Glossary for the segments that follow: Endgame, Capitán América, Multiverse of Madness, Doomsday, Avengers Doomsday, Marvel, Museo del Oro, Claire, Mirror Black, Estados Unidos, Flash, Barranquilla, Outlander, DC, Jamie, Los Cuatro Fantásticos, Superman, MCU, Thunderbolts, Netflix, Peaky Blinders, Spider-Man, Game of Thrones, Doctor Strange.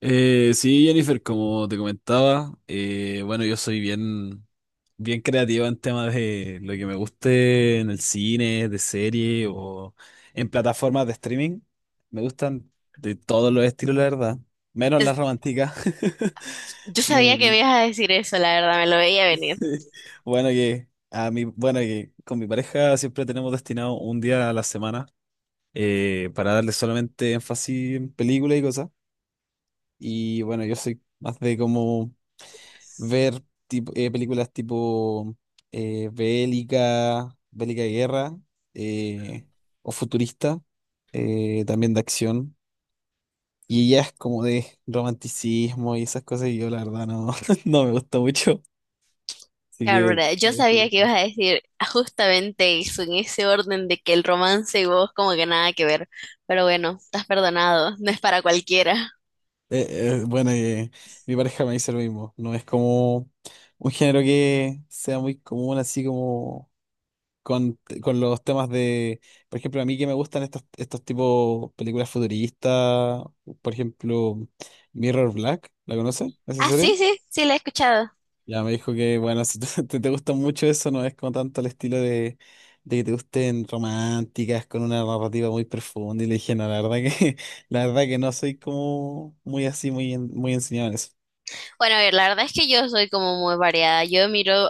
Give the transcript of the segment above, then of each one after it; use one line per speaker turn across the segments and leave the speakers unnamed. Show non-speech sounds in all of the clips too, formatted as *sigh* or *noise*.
Sí, Jennifer, como te comentaba, bueno, yo soy bien creativa en temas de lo que me guste en el cine, de serie o en plataformas de streaming. Me gustan de todos los estilos, la verdad, menos
Es-
las románticas. *laughs*
Yo
No,
sabía que me
no.
ibas a decir eso, la verdad, me lo veía venir.
*laughs* Bueno, que a mí, bueno, que con mi pareja siempre tenemos destinado un día a la semana para darle solamente énfasis en películas y cosas. Y bueno, yo soy más de como ver tipo, películas tipo bélica de guerra eh, o futurista, también de acción. Y ella es como de romanticismo y esas cosas y yo la verdad no, *laughs* no me gusta mucho. Así que
Cabrona, yo
la
sabía
dejo
que ibas
como-
a decir justamente eso, en ese orden de que el romance y vos como que nada que ver. Pero bueno, estás perdonado, no es para cualquiera.
Bueno, mi pareja me dice lo mismo. No es como un género que sea muy común, así como con los temas de, por ejemplo, a mí que me gustan estos tipos películas futuristas, por ejemplo, Mirror Black, ¿la conoces? ¿Esa
Ah, sí,
serie?
sí, sí, la he escuchado.
Ya me dijo que, bueno, si *laughs* te gusta mucho eso, no es como tanto el estilo de que te gusten románticas con una narrativa muy profunda. Y le dije, no, la verdad que, *laughs* la verdad que no soy como muy así, muy, muy enseñado en eso.
Bueno, a ver, la verdad es que yo soy como muy variada. Yo miro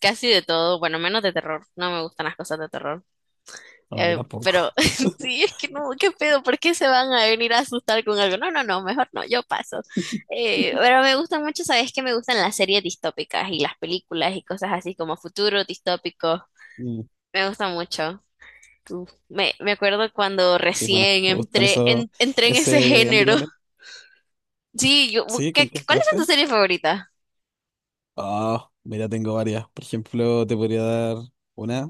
casi de todo, bueno, menos de terror. No me gustan las cosas de terror.
No, a mí
Pero
tampoco.
*laughs*
*laughs*
sí, es que no, qué pedo, ¿por qué se van a venir a asustar con algo? No, no, no, mejor no, yo paso. Pero me gustan mucho, sabes que me gustan las series distópicas y las películas y cosas así como futuro distópico.
Mm,
Me gusta mucho. Uf, me acuerdo cuando
sí, bueno,
recién
me gustan
entré
eso,
en, entré en ese
ese ámbito
género.
también.
*laughs* Sí, yo,
Sí, ¿con
¿qué,
qué
cuáles son tus
entraste?
series favoritas?
Ah, mira, tengo varias. Por ejemplo, te podría dar una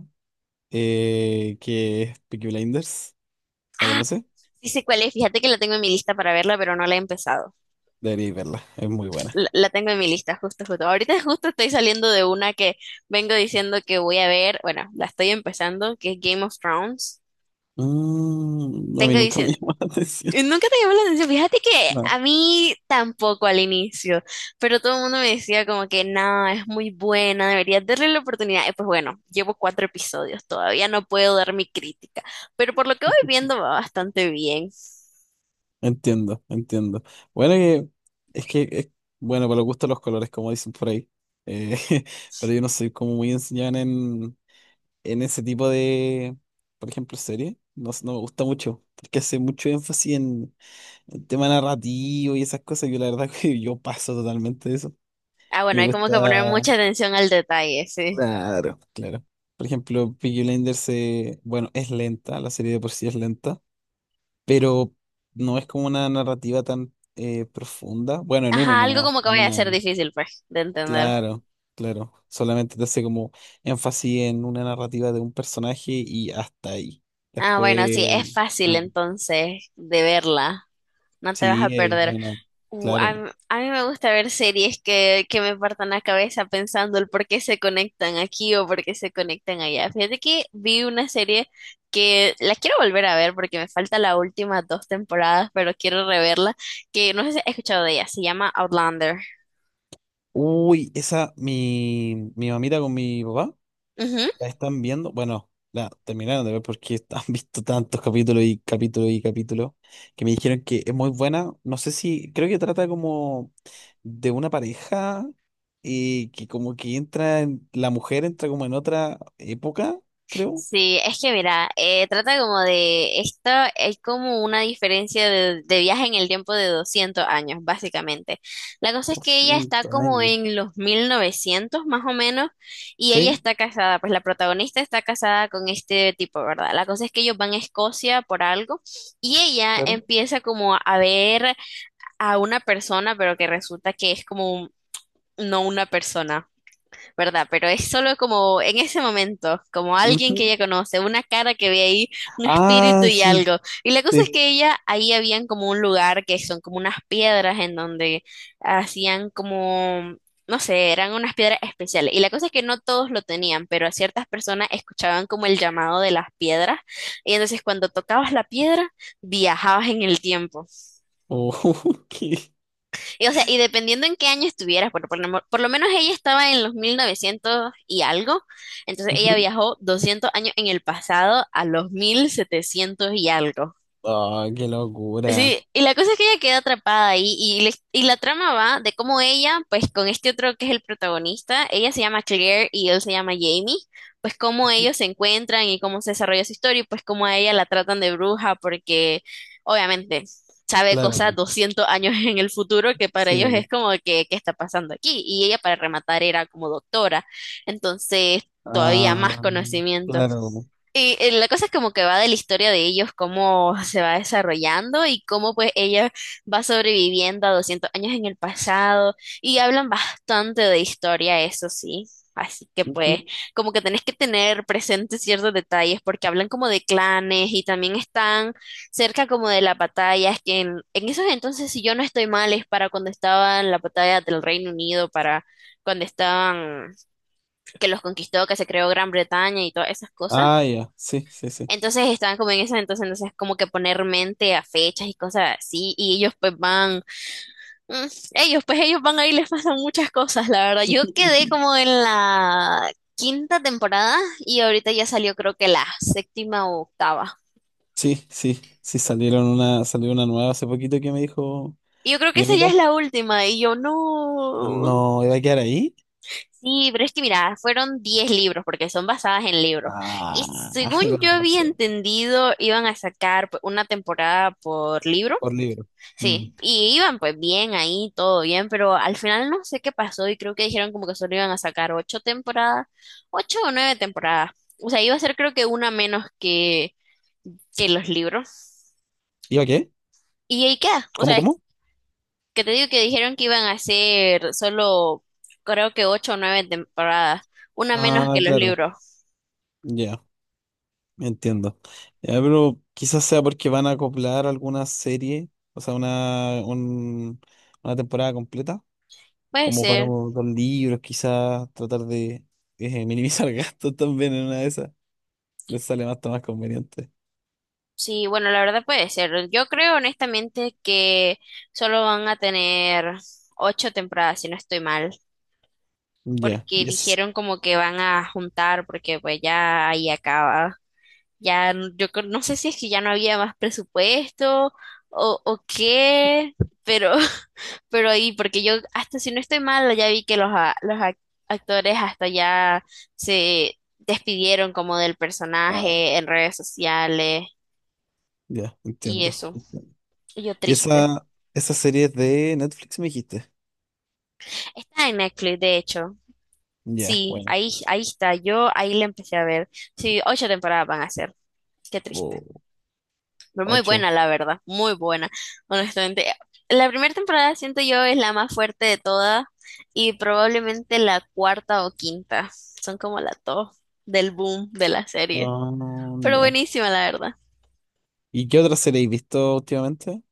que es Peaky Blinders. ¿La
Ah,
conoces?
sí sé cuál es, fíjate que la tengo en mi lista para verla, pero no la he empezado.
Deberías verla, es muy buena.
La tengo en mi lista, justo, justo. Ahorita *laughs* justo estoy saliendo de una que vengo diciendo que voy a ver, bueno, la estoy empezando, que es Game of Thrones.
Mm, a mí
Tengo
nunca me
diciendo,
llamó *laughs* la atención.
nunca te llamó la atención, fíjate que a
No.
mí tampoco al inicio, pero todo el mundo me decía como que no, es muy buena, deberías darle la oportunidad. Y pues bueno, llevo cuatro episodios, todavía no puedo dar mi crítica, pero por lo que voy viendo va bastante bien.
Entiendo, entiendo. Bueno, que- es que, es, bueno, para los gustos los colores, como dicen por ahí. Eh, *laughs* pero yo no soy como muy enseñado en ese tipo de, por ejemplo, serie. No, sé, no me gusta mucho, porque hace mucho énfasis en el tema narrativo y esas cosas, yo la verdad *laughs* que yo paso totalmente de eso.
Ah,
Y
bueno,
me
hay como
gusta.
que poner mucha atención al detalle, sí.
Claro, claro. Por ejemplo, Peaky Blinders se, bueno, es lenta, la serie de por sí es lenta, pero no es como una narrativa tan profunda. Bueno, en uno
Ajá, algo
nomás,
como que
en
vaya a
una
ser
nomás.
difícil, pues, de entender.
Claro, claro. Solamente te hace como énfasis en una narrativa de un personaje y hasta ahí.
Ah,
Después,
bueno, sí, es fácil
ah,
entonces de verla. No te vas a
sí,
perder.
bueno,
Uh, a,
claro.
m- a mí me gusta ver series que me partan la cabeza pensando el por qué se conectan aquí o por qué se conectan allá. Fíjate que vi una serie que la quiero volver a ver porque me falta las últimas dos temporadas, pero quiero reverla, que no sé si has escuchado de ella, se llama Outlander.
Uy, esa, mi mamita con mi papá.
Ujú.
La están viendo, bueno, la terminaron de ver porque *laughs* han visto tantos capítulos y capítulos y capítulos que me dijeron que es muy buena. No sé si, creo que trata como de una pareja y que como que la mujer entra como en otra época, creo.
Sí, es que mira, trata como de esto, es como una diferencia de viaje en el tiempo de 200 años, básicamente. La cosa es que ella está
200
como
años.
en los 1900 más o menos y ella
¿Sí?
está casada, pues la protagonista está casada con este tipo, ¿verdad? La cosa es que ellos van a Escocia por algo y ella
Claro.
empieza como a ver a una persona, pero que resulta que es como un- no una persona. ¿Verdad? Pero es solo como en ese momento, como alguien que
Ujú.
ella conoce, una cara que ve ahí, un espíritu
Ah,
y
sí,
algo. Y la cosa es
sí.
que ella, ahí habían como un lugar que son como unas piedras en donde hacían como... No sé, eran unas piedras especiales. Y la cosa es que no todos lo tenían, pero a ciertas personas escuchaban como el llamado de las piedras. Y entonces cuando tocabas la piedra, viajabas en el tiempo.
Oh, *laughs* qué,
Y, o sea, y dependiendo en qué año estuvieras, por lo menos ella estaba en los 1900 y algo, entonces ella
ujú.
viajó 200 años en el pasado a los 1700 y algo.
Ah, qué locura.
Sí, y la cosa es que ella queda atrapada ahí y la trama va de cómo ella, pues con este otro que es el protagonista, ella se llama Claire y él se llama Jamie, pues cómo ellos se encuentran y cómo se desarrolla su historia y pues cómo a ella la tratan de bruja porque obviamente sabe
Claro,
cosas 200 años en el futuro que para ellos es
sí.
como que, ¿qué está pasando aquí? Y ella para rematar era como doctora, entonces todavía más
Ah,
conocimiento.
claro.
Y la cosa es como que va de la historia de ellos, cómo se va desarrollando y cómo pues ella va sobreviviendo a 200 años en el pasado y hablan bastante de historia, eso sí. Así que pues
Ujú.
como que tenés que tener presentes ciertos detalles porque hablan como de clanes y también están cerca como de las batallas que en esos entonces, si yo no estoy mal, es para cuando estaban la batalla del Reino Unido, para cuando estaban que los conquistó, que se creó Gran Bretaña y todas esas cosas.
Ah, ya, sí, sí, sí.
Entonces estaban como en eso, como que poner mente a fechas y cosas así, y ellos pues van, mm, ellos pues ellos van ahí, *laughs* les pasan muchas cosas, la verdad. Yo quedé
*laughs*
como en la quinta temporada y ahorita ya salió creo que la séptima o octava.
Sí, sí, sí, salió una nueva hace poquito que me dijo
Y yo creo que
mi
esa ya
amiga.
es la última, y yo no.
No, ¿iba a quedar ahí?
Sí, pero es que mira, fueron 10 libros porque son basadas en libros. Y
Ah, *laughs*
según yo
con
había
razón,
entendido, iban a sacar pues, una temporada por libro.
por libro. Mm.
Sí, y iban pues bien ahí, todo bien, pero al final no sé qué pasó y creo que dijeron como que solo iban a sacar ocho temporadas, ocho o nueve temporadas. O sea, iba a ser creo que una menos que los libros.
¿Iba qué?
Y ahí queda. O
¿Cómo,
sea, es
cómo?
que te digo que dijeron que iban a hacer solo creo que ocho o nueve temporadas, una menos que
Ah,
los
claro,
libros.
ya, entiendo. Ya, pero quizás sea porque van a acoplar alguna serie, o sea, una temporada completa,
Puede
como para
ser.
dos libros, quizás tratar de minimizar *laughs* gastos también en una de esas. Les sale más conveniente.
Sí, bueno, la verdad puede ser. Yo creo honestamente que solo van a tener ocho temporadas, si no estoy mal.
Ya,
Porque
y es.
dijeron como que van a juntar, porque pues ya ahí acaba. No sé si es que ya no había más presupuesto o qué, pero, *laughs* pero ahí, porque yo hasta si no estoy mal, ya vi que los actores hasta ya se despidieron como del
Ah,
personaje en redes sociales
ya,
y
entiendo.
eso. Y yo
Y
triste.
esa serie es de Netflix, me dijiste.
Está en Netflix, de hecho.
Ya,
Sí,
bueno.
ahí está. Yo ahí la empecé a ver. Sí, ocho temporadas van a ser. Qué triste.
Oh,
Fue muy
8.
buena, la verdad, muy buena, honestamente. La primera temporada siento yo es la más fuerte de todas y probablemente la cuarta o quinta. Son como la top del boom de la serie.
Ah,
Pero
ya.
buenísima, la verdad.
¿Y qué otra serie has visto últimamente?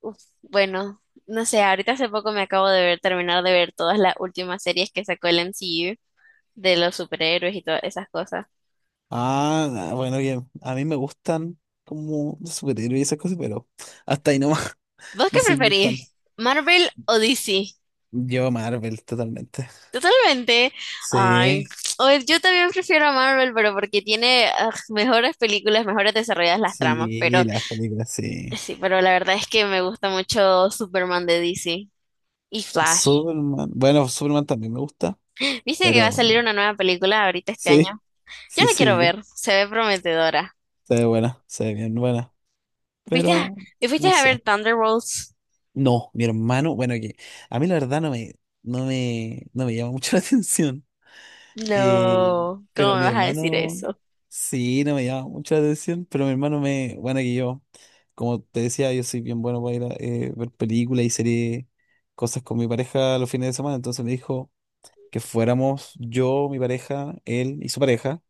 Uf, bueno, no sé, ahorita hace poco me acabo de ver, terminar de ver todas las últimas series que sacó el MCU de los superhéroes y todas esas cosas.
Ah, ah, bueno, bien. A mí me gustan como de superhéroes y esas cosas, pero hasta ahí nomás.
¿Vos
*laughs*
qué
No soy muy fan.
preferís? ¿Marvel o DC?
Yo Marvel, totalmente.
Totalmente. Ay,
Sí,
yo también prefiero a Marvel, pero porque tiene mejores películas, mejores desarrolladas las tramas, pero
sí, las películas, sí.
sí, pero la verdad es que me gusta mucho Superman de DC y Flash.
Superman. Bueno, Superman también me gusta,
¿Viste que va a salir
pero
una nueva película ahorita este año?
sí,
Yo
sí,
la quiero
sí.
ver, se ve prometedora.
Se ve buena, se ve bien buena,
¿Fuiste? a,
pero
y fuiste
no
a ver
sé.
Thunderbolts?
No, mi hermano, bueno, que a mí la verdad no me llama mucho *laughs* la atención, eh,
No, ¿cómo
pero
me
mi
vas a decir
hermano,
eso?
sí, no me llama mucho la atención, pero mi hermano me, bueno, que yo, como te decía, yo soy bien bueno para ir a ver películas y series, cosas con mi pareja los fines de semana, entonces me dijo, que fuéramos yo, mi pareja, él y su pareja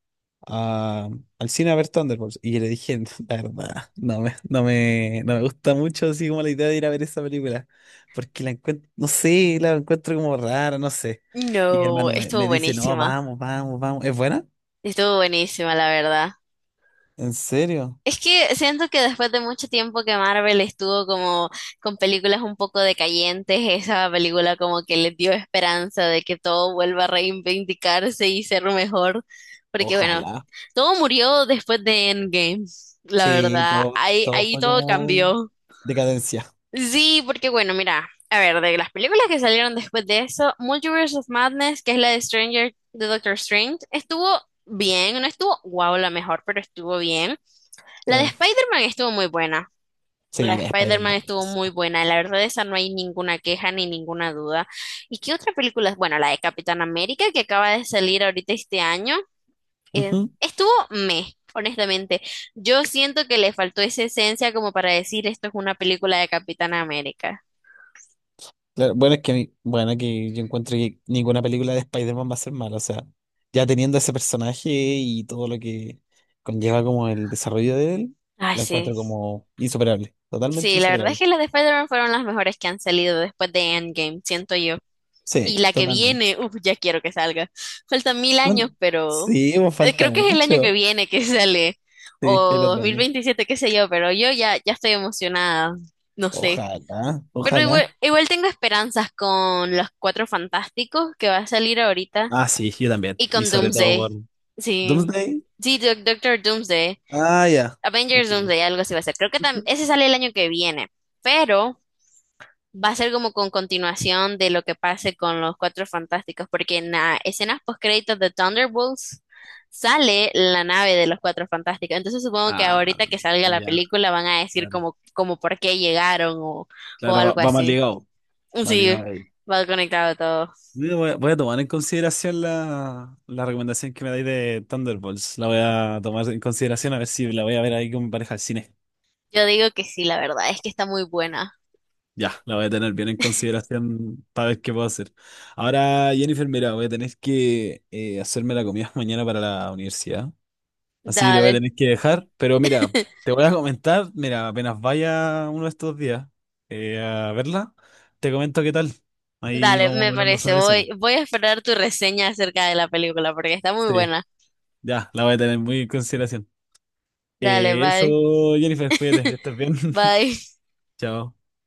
a- al cine a ver Thunderbolts. Y yo le dije, *laughs* la verdad, no me gusta mucho así como la idea de ir a ver esa película, porque la encuentro, no sé, la encuentro como rara, no sé. Y mi
No,
hermano me,
estuvo
me dice, no,
buenísima.
vamos, vamos, vamos. ¿Es buena?
Estuvo buenísima, la verdad.
¿En serio?
Es que siento que después de mucho tiempo que Marvel estuvo como con películas un poco decayentes, esa película como que les dio esperanza de que todo vuelva a reivindicarse y ser mejor, porque bueno,
Ojalá.
todo murió después de Endgame, la
Sí,
verdad,
todo,
ahí,
todo
ahí
fue
todo
como
cambió.
decadencia,
Sí, porque bueno, mira, a ver, de las películas que salieron después de eso, Multiverse of Madness, que es la de Stranger, de Doctor Strange, estuvo bien, no estuvo wow la mejor, pero estuvo bien. La de
claro.
Spider-Man estuvo muy buena. La
Sí,
de
la
Spider-Man
Spider-Man,
estuvo
buenísima.
muy buena. La verdad, esa no hay ninguna queja ni ninguna duda. ¿Y qué otra película? Bueno, la de Capitán América que acaba de salir ahorita este año. Estuvo meh, honestamente. Yo siento que le faltó esa esencia como para decir esto es una película de Capitán América.
Claro, bueno, es que, a mí- bueno, que yo encuentro que ninguna película de Spider-Man va a ser mala, o sea, ya teniendo ese personaje y todo lo que conlleva como el desarrollo de él,
Ay,
la
sí.
encuentro como insuperable, totalmente
Sí, la verdad es
insuperable.
que las de Spider-Man fueron las mejores que han salido después de Endgame, siento yo. Y
Sí,
la que
totalmente.
viene, uff, ya quiero que salga. Faltan mil años,
¿Cuán-
pero
Sí, pues, falta
creo que es el año que
mucho.
viene que *laughs* sale, o
Sí, el
dos
otro
mil
año.
veintisiete qué sé yo, pero yo ya, ya estoy emocionada, no sé.
Ojalá,
Pero
ojalá.
igual, igual tengo esperanzas con Los Cuatro Fantásticos que va a salir ahorita
Ah, sí, yo también.
y
Y
con
sobre todo por
Doomsday. Sí,
Doomsday.
sí, Doctor Doomsday,
Ah, ya.
Avengers
Entiendo.
Doomsday, algo así va a ser. Creo
*laughs*
que
Ujú.
ese sale el año que viene, pero va a ser como con continuación de lo que pase con los Cuatro Fantásticos, porque en las escenas postcréditos de Thunderbolts sale la nave de los Cuatro Fantásticos. Entonces supongo que
Ah,
ahorita que salga la
ya.
película van a decir
Claro,
como, como por qué llegaron o
claro, va,
algo
va más
así.
ligado. Va
Sí,
ligado.
va conectado todo.
Mira, voy a, voy a tomar en consideración la recomendación que me dais de Thunderbolts. La voy a tomar en consideración a ver si la voy a ver ahí con mi pareja al cine.
Yo digo que sí, la verdad, es que está muy buena.
Ya, la voy a tener bien en consideración para ver qué puedo hacer. Ahora, Jennifer, mira, voy a tener que hacerme la comida *laughs* mañana para la universidad. Así que te voy a
Dale,
tener que dejar. Pero mira, te voy a comentar, mira, apenas vaya uno de estos días a verla, te comento qué tal. Ahí
dale,
vamos
me
hablando
parece.
sobre
Voy,
eso.
voy a esperar tu reseña acerca de la película porque está muy
Sí,
buena.
ya, la voy a tener muy en consideración.
Dale, bye.
Eso, Jennifer, cuídate, que
*laughs*
estés bien. *laughs*
Bye.
Chao.